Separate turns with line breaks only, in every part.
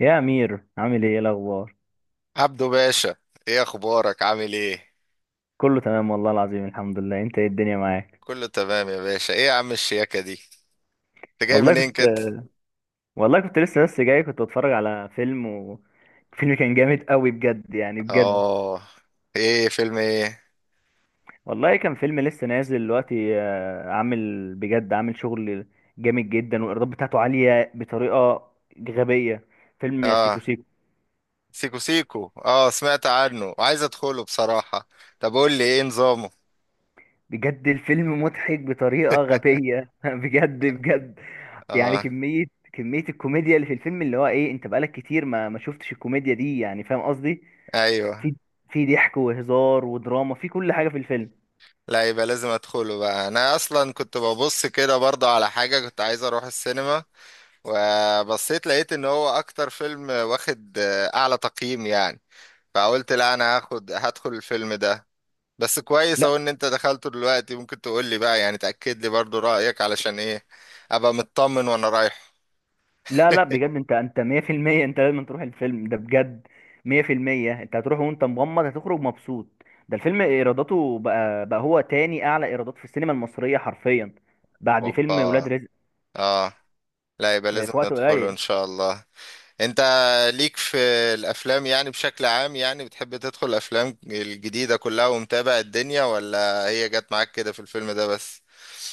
يا امير، عامل ايه، إيه الاخبار؟
عبدو باشا، ايه اخبارك؟ عامل ايه؟
كله تمام والله العظيم، الحمد لله. انت ايه، الدنيا معاك؟
كله تمام يا باشا. ايه يا عم الشياكة دي؟ انت جاي
والله
منين
كنت
كده؟
والله كنت لسه بس جاي، كنت بتفرج على فيلم، وفيلم كان جامد قوي بجد، يعني بجد.
اه، ايه فيلم ايه؟
والله كان فيلم لسه نازل دلوقتي، عامل بجد، عامل شغل جامد جدا، والايرادات بتاعته عالية بطريقة غبية. فيلم سيكو
اه،
سيكو.
سيكو سيكو. اه، سمعت عنه وعايز ادخله بصراحة. طب قول لي ايه نظامه؟
بجد، الفيلم مضحك بطريقة غبية. بجد بجد. يعني
اه.
كمية الكوميديا اللي في الفيلم، اللي هو ايه، انت بقالك كتير ما شفتش الكوميديا دي، يعني فاهم قصدي؟
ايوه.
في في ضحك وهزار ودراما، في كل حاجة في الفيلم.
لا، يبقى لازم ادخله بقى. انا اصلا كنت ببص كده برضه على حاجة، كنت عايز اروح السينما. وبصيت لقيت ان هو اكتر فيلم واخد اعلى تقييم يعني. فقلت لا، انا هاخد هدخل الفيلم ده. بس كويس اهو
لا،
ان انت دخلته دلوقتي، ممكن تقول لي بقى يعني تأكد لي برضو رأيك علشان ايه ابقى مطمن وانا رايح.
لا، لا، بجد، انت 100%. انت لازم تروح الفيلم ده بجد. 100%، انت هتروح وانت مغمض، هتخرج مبسوط. ده الفيلم ايراداته بقى هو تاني اعلى ايرادات في السينما المصرية حرفيا، بعد فيلم ولاد
اوبا.
رزق.
اه. لا يبقى
في,
لازم
في وقت
ندخله
قليل.
ان شاء الله. انت ليك في الافلام يعني بشكل عام، يعني بتحب تدخل الافلام الجديدة كلها ومتابع الدنيا، ولا هي جت معاك كده في الفيلم ده بس؟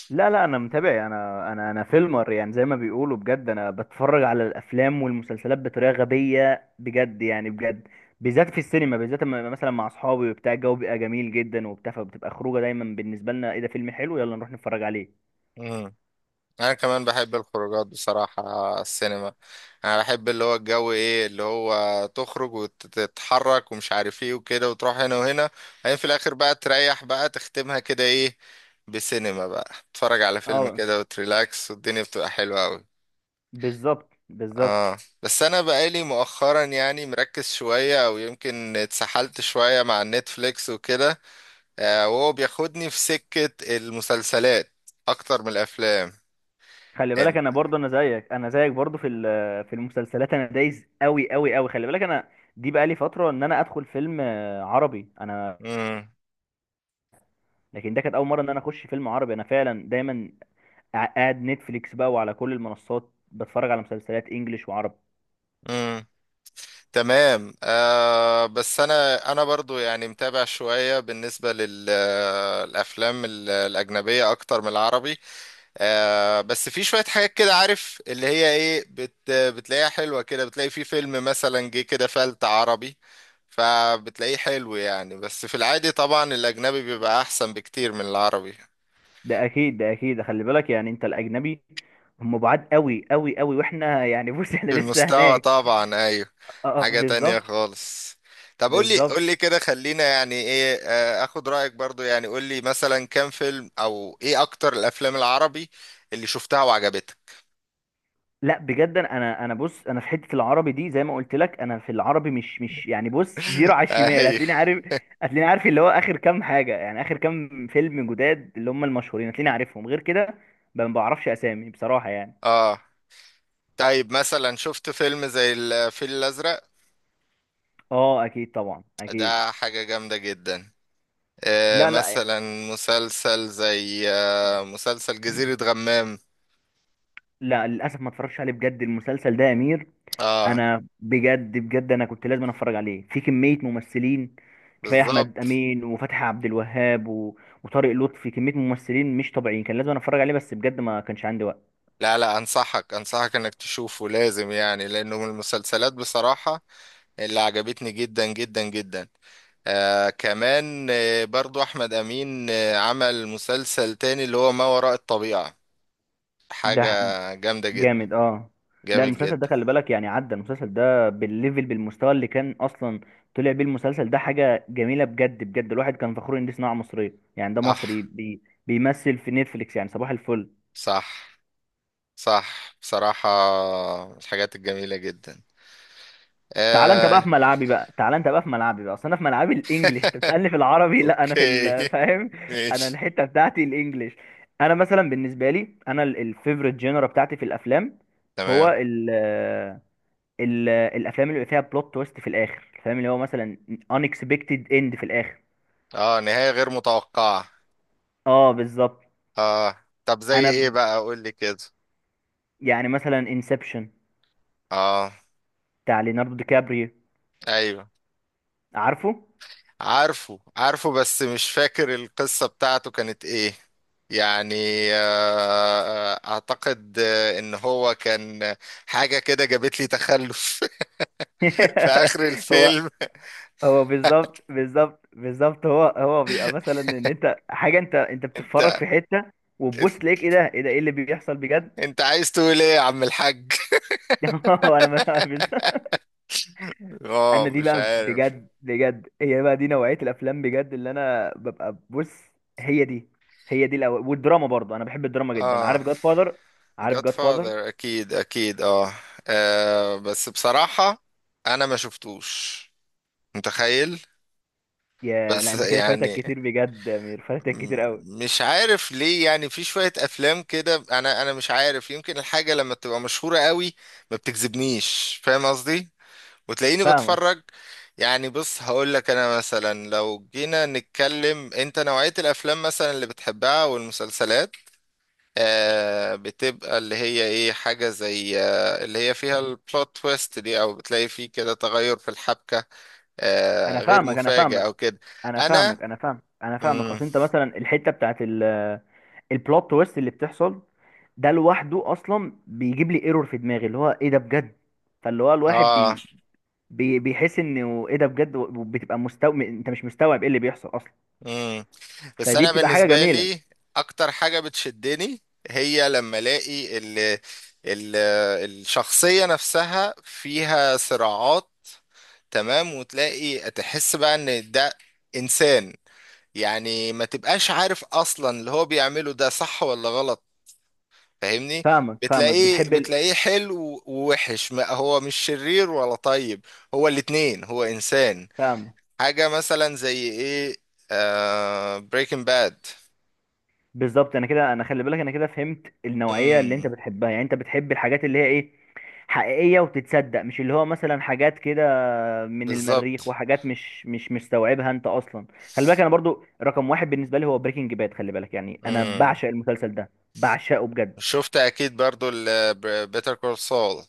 لا، لا، انا متابع. انا فيلمر يعني، زي ما بيقولوا، بجد. انا بتفرج على الافلام والمسلسلات بطريقه غبيه، بجد يعني، بجد. بالذات في السينما، بالذات، مثلا مع اصحابي وبتاع، الجو بيبقى جميل جدا وبتاع، فبتبقى خروجه دايما بالنسبه لنا ايه، ده فيلم حلو يلا نروح نتفرج عليه.
انا كمان بحب الخروجات بصراحة، السينما. انا بحب اللي هو الجو، ايه اللي هو تخرج وتتحرك ومش عارف ايه وكده وتروح هنا وهنا. بعدين في الاخر بقى تريح بقى تختمها كده ايه، بسينما بقى تتفرج على فيلم
اه،
كده وتريلاكس والدنيا بتبقى حلوة قوي.
بالظبط بالظبط.
اه. بس انا بقالي مؤخرا يعني مركز شوية او يمكن اتسحلت شوية مع النتفليكس وكده. وهو بياخدني في سكة المسلسلات اكتر من الافلام.
خلي بالك،
انت
انا برضه، انا زيك برضه، في المسلسلات انا دايس قوي قوي قوي. خلي بالك، انا دي بقالي فتره ان انا ادخل فيلم عربي، انا. لكن ده كانت اول مره ان انا اخش فيلم عربي. انا فعلا دايما قاعد نتفليكس بقى، وعلى كل المنصات بتفرج على مسلسلات انجليش وعربي.
مم. تمام. بس انا برضو يعني متابع شوية بالنسبة للافلام الاجنبية اكتر من العربي. بس في شوية حاجات كده عارف اللي هي ايه بتلاقيها حلوة كده، بتلاقي في فيلم مثلا جه كده فلت عربي. فبتلاقيه حلو يعني، بس في العادي طبعا الاجنبي بيبقى احسن بكتير من العربي.
ده اكيد، ده اكيد، خلي بالك يعني. انت، الاجنبي هم بعاد قوي قوي قوي، واحنا يعني بص، احنا
في
لسه
المستوى
هناك.
طبعا ايوه.
اه،
حاجة تانية
بالظبط.
خالص. طب قول لي
بالظبط.
قول لي كده، خلينا يعني ايه اخد رأيك برضو، يعني قول لي مثلا كام فيلم او ايه اكتر الافلام العربي اللي شفتها وعجبتك.
لا بجد، انا بص، انا في حته العربي دي زي ما قلت لك، انا في العربي مش يعني بص، زيرو على الشمال.
ايوه،
هتلاقيني عارف، هتلاقيني عارف اللي هو اخر كام حاجه يعني، اخر كام فيلم جداد اللي هم المشهورين، هتلاقيني عارفهم. غير كده ما بعرفش اسامي بصراحه يعني.
اه. طيب مثلا شفت فيلم زي الفيل الازرق؟
اه، اكيد طبعا، اكيد.
ده حاجة جامدة جدا.
لا، لا،
مثلا مسلسل زي مسلسل جزيرة غمام.
لا، للاسف ما اتفرجش عليه بجد، المسلسل ده يا امير.
اه،
انا بجد بجد، انا كنت لازم اتفرج عليه، في كميه ممثلين، كفايه احمد
بالظبط.
امين وفتحي عبد الوهاب و وطارق لطفي، كميه ممثلين مش طبيعيين، كان لازم أنا اتفرج عليه، بس بجد ما كانش عندي وقت.
لا لا، انصحك انصحك انك تشوفه لازم يعني، لانه من المسلسلات بصراحة اللي عجبتني جدا جدا جدا. كمان برضو احمد امين عمل مسلسل تاني اللي هو ما وراء الطبيعة.
ده
حاجة جامدة جدا.
جامد، اه. لا،
جامد
المسلسل ده
جدا.
خلي بالك يعني، عدى المسلسل ده بالليفل، بالمستوى اللي كان اصلا طلع بيه المسلسل ده، حاجه جميله بجد بجد. الواحد كان فخور ان دي صناعه مصريه يعني، ده
صح،
مصري بيمثل في نتفليكس، يعني صباح الفل.
صح، صح بصراحة، من الحاجات الجميلة جدا.
تعالى انت بقى
آه.
في ملعبي بقى، تعالى انت بقى في ملعبي بقى. اصل انا في ملعبي الانجليش، انت بتسالني في العربي. لا، انا في
اوكي،
فاهم؟ انا
ماشي،
الحته بتاعتي الانجليش. انا مثلا بالنسبه لي، انا الفيفوريت جينرا بتاعتي في الافلام هو
تمام.
ال ال الافلام اللي بيبقى فيها بلوت تويست في الاخر، الفيلم اللي هو مثلا unexpected end في الاخر.
اه، نهاية غير متوقعة.
اه، بالظبط.
اه، طب زي
انا
ايه بقى؟ قول لي كده.
يعني مثلا انسبشن،
اه،
بتاع ليوناردو دي كابريو،
ايوه،
عارفه؟
عارفه عارفه بس مش فاكر القصة بتاعته كانت ايه يعني. اعتقد ان هو كان حاجة كده جابت لي تخلف. في اخر
هو
الفيلم.
هو بالظبط بالظبط بالظبط، هو بيبقى مثلا ان انت حاجه، انت بتتفرج في
انت
حته، وتبص تلاقيك: ايه ده، ايه ده، ايه اللي بيحصل بجد؟
انت عايز تقول ايه يا عم الحاج؟
انا ما بالظبط.
اه،
انا دي
مش
بقى
عارف.
بجد بجد، هي بقى دي نوعيه الافلام بجد اللي انا ببقى بص. هي دي هي دي والدراما برضه، انا بحب الدراما جدا. عارف
اه،
جاد فاذر؟ عارف
جاد
جاد فاذر؟
فاذر اكيد اكيد. اه، بس بصراحة انا ما شفتوش، متخيل.
يا لا،
بس
انت كده فايتك
يعني
كتير بجد يا امير، فايتك كتير
م-
قوي.
مش عارف ليه يعني في شوية أفلام كده أنا مش عارف يمكن الحاجة لما بتبقى مشهورة قوي ما بتجذبنيش، فاهم قصدي؟ وتلاقيني
فاهمك،
بتفرج. يعني بص، هقول لك أنا مثلا لو جينا نتكلم أنت نوعية الأفلام مثلا اللي بتحبها والمسلسلات بتبقى اللي هي إيه، حاجة زي اللي هي فيها البلوت تويست دي، أو بتلاقي فيه كده تغير في الحبكة
انا
غير
فاهمك، انا
مفاجئ
فاهمك،
أو كده.
انا فاهمك،
أنا
انا فاهمك، انا فاهمك
مم.
اصل انت مثلا الحته بتاعت البلوت تويست اللي بتحصل، ده لوحده اصلا بيجيب لي ايرور في دماغي، اللي هو ايه ده بجد. فاللي هو الواحد
آه
بي بي بيحس انه ايه ده بجد، وبتبقى مستوعب، انت مش مستوعب ايه اللي بيحصل اصلا.
مم. بس
فدي
انا
بتبقى حاجه
بالنسبه
جميله.
لي اكتر حاجه بتشدني هي لما الاقي ال ال الشخصيه نفسها فيها صراعات. تمام، وتلاقي تحس بقى ان ده انسان، يعني ما تبقاش عارف اصلا اللي هو بيعمله ده صح ولا غلط، فاهمني؟
فاهمك، فاهمك،
بتلاقيه
بتحب
بتلاقيه حلو ووحش، ما هو مش شرير ولا طيب، هو الاتنين هو انسان.
فاهمك.
حاجه مثلا زي ايه؟ بريكنج باد.
بالظبط. انا خلي بالك، انا كده فهمت النوعيه اللي انت بتحبها يعني. انت بتحب الحاجات اللي هي ايه، حقيقيه وتتصدق، مش اللي هو مثلا حاجات كده من المريخ
بالظبط.
وحاجات مش مستوعبها انت اصلا. خلي بالك، انا برضو رقم واحد بالنسبه لي هو بريكنج باد. خلي بالك يعني، انا
امم
بعشق المسلسل ده، بعشقه بجد.
شفت اكيد برضو بيتر كول سول.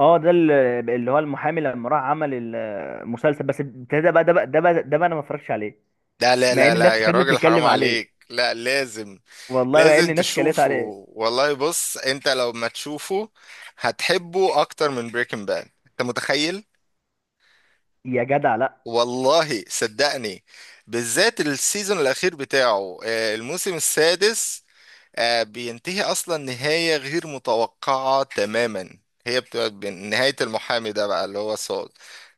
اه، ده اللي هو المحامي لما راح عمل المسلسل، بس ده بقى انا ما اتفرجتش عليه،
لا لا
مع
لا
ان الناس
لا يا
فضلت
راجل، حرام
تتكلم عليه،
عليك. لا، لازم
والله مع ان
لازم
الناس اتكلمت
تشوفه.
عليه.
والله بص، انت لو ما تشوفه هتحبه اكتر من بريكنج باد انت متخيل؟
يا جدع لا،
والله صدقني. بالذات السيزون الاخير بتاعه الموسم السادس. بينتهي اصلا نهاية غير متوقعة تماما. هي بتبقى نهاية المحامي ده بقى اللي هو سول.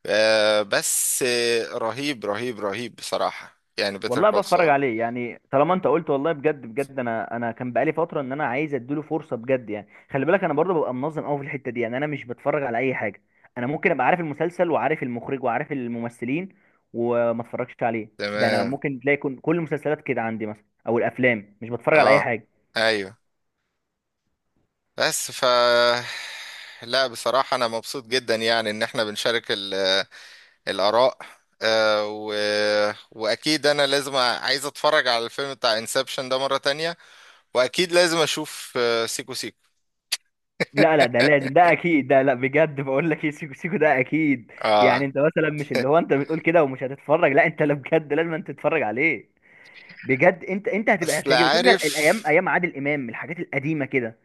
بس رهيب رهيب رهيب بصراحة يعني بيتر
والله
كول
بتفرج
سول.
عليه يعني، طالما انت قلت. والله بجد بجد، انا كان بقالي فتره ان انا عايز اديله فرصه بجد يعني. خلي بالك، انا برضه ببقى منظم قوي في الحته دي يعني، انا مش بتفرج على اي حاجه. انا ممكن ابقى عارف المسلسل وعارف المخرج وعارف الممثلين وما اتفرجش عليه. ده انا
تمام.
ممكن تلاقي كل المسلسلات كده عندي مثلا، او الافلام، مش بتفرج على اي
اه،
حاجه.
ايوه. بس ف لا بصراحة انا مبسوط جدا يعني ان احنا بنشارك الاراء، آه، و... واكيد انا لازم عايز اتفرج على الفيلم بتاع انسبشن ده مرة تانية. واكيد لازم اشوف سيكو سيكو.
لا، لا، ده لازم، ده اكيد، ده لا بجد بقول لك ايه، سيكو سيكو ده اكيد. يعني
اه،
انت مثلا مش اللي هو انت بتقول كده ومش هتتفرج، لا انت، لا بجد لازم انت تتفرج عليه. بجد، انت
اصل
هتعجبك. شوف، ده
عارف.
الايام، ايام عادل امام، الحاجات القديمه كده،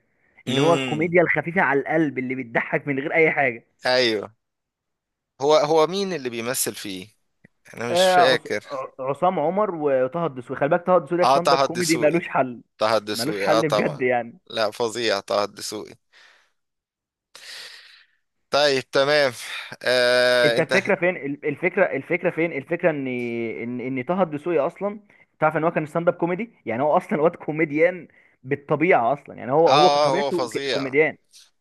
اللي هو
امم،
الكوميديا الخفيفه على القلب، اللي بتضحك من غير اي حاجه.
ايوه. هو مين اللي بيمثل فيه؟ انا مش فاكر.
عصام عمر وطه الدسوقي. خلي بالك، طه الدسوقي ده
اه،
ستاند اب
طه
كوميدي
الدسوقي.
ملوش حل.
طه
ملوش
الدسوقي اه
حل بجد
طبعا.
يعني.
لا فظيع طه الدسوقي. طيب تمام.
انت،
انت
الفكره فين الفكره فين الفكره ان طه الدسوقي اصلا، تعرف ان هو كان ستاند اب كوميدي، يعني هو اصلا واد كوميديان بالطبيعه اصلا، يعني هو
هو
طبيعته
فظيع
كوميديان.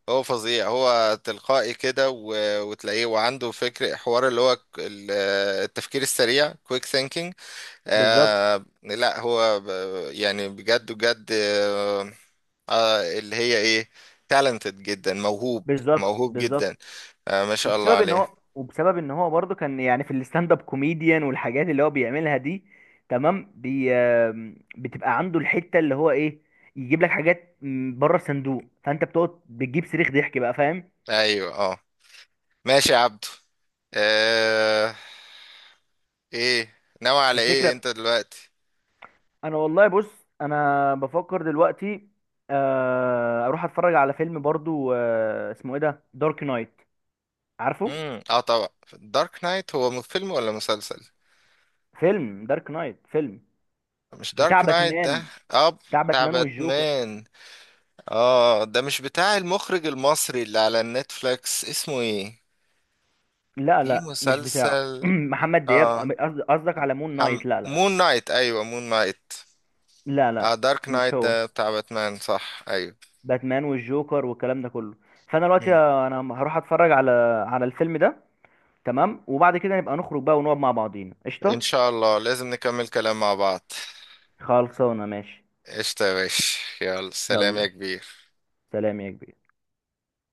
هو فظيع هو تلقائي كده وتلاقيه وعنده فكر حوار اللي هو التفكير السريع، كويك ثينكينج.
بالظبط
لا هو يعني بجد بجد، اللي هي ايه تالنتد جدا موهوب.
بالظبط
موهوب جدا.
بالظبط.
آه ما شاء الله
وبسبب ان
عليه.
هو وبسبب ان هو برضه كان يعني في الستاند اب كوميديان والحاجات اللي هو بيعملها دي، تمام. بي آم، بتبقى عنده الحته اللي هو ايه، يجيب لك حاجات بره الصندوق، فانت بتقعد بتجيب صريخ ضحك بقى، فاهم؟
ايوه، اه. ماشي يا عبدو. آه ايه ناوي على ايه
الفكره،
انت دلوقتي؟
انا والله بص، انا بفكر دلوقتي اروح اتفرج على فيلم برضه، اسمه ايه، ده دارك نايت، عارفه؟
امم، اه طبعا. دارك نايت هو فيلم ولا مسلسل؟
فيلم دارك نايت، فيلم
مش
بتاع
دارك نايت ده؟
باتمان.
اه،
بتاع
بتاع
باتمان والجوكر.
باتمان. اه، ده مش بتاع المخرج المصري اللي على النتفليكس اسمه ايه،
لا،
في
لا، مش بتاعه.
مسلسل
محمد دياب،
اه
قصدك على مون نايت؟ لا، لا،
مون نايت، ايوه مون نايت.
لا،
اه،
لا،
دارك
مش
نايت
هو.
ده بتاع باتمان، صح ايوه.
باتمان والجوكر والكلام ده كله. فانا دلوقتي،
مم.
انا هروح اتفرج على الفيلم ده، تمام. وبعد كده نبقى نخرج بقى، ونقعد مع بعضينا، قشطه.
ان شاء الله لازم نكمل كلام مع بعض.
خلصانه ماشي،
قشطة يا باشا. يلا، سلام يا
يلا
كبير.
سلام يا كبير.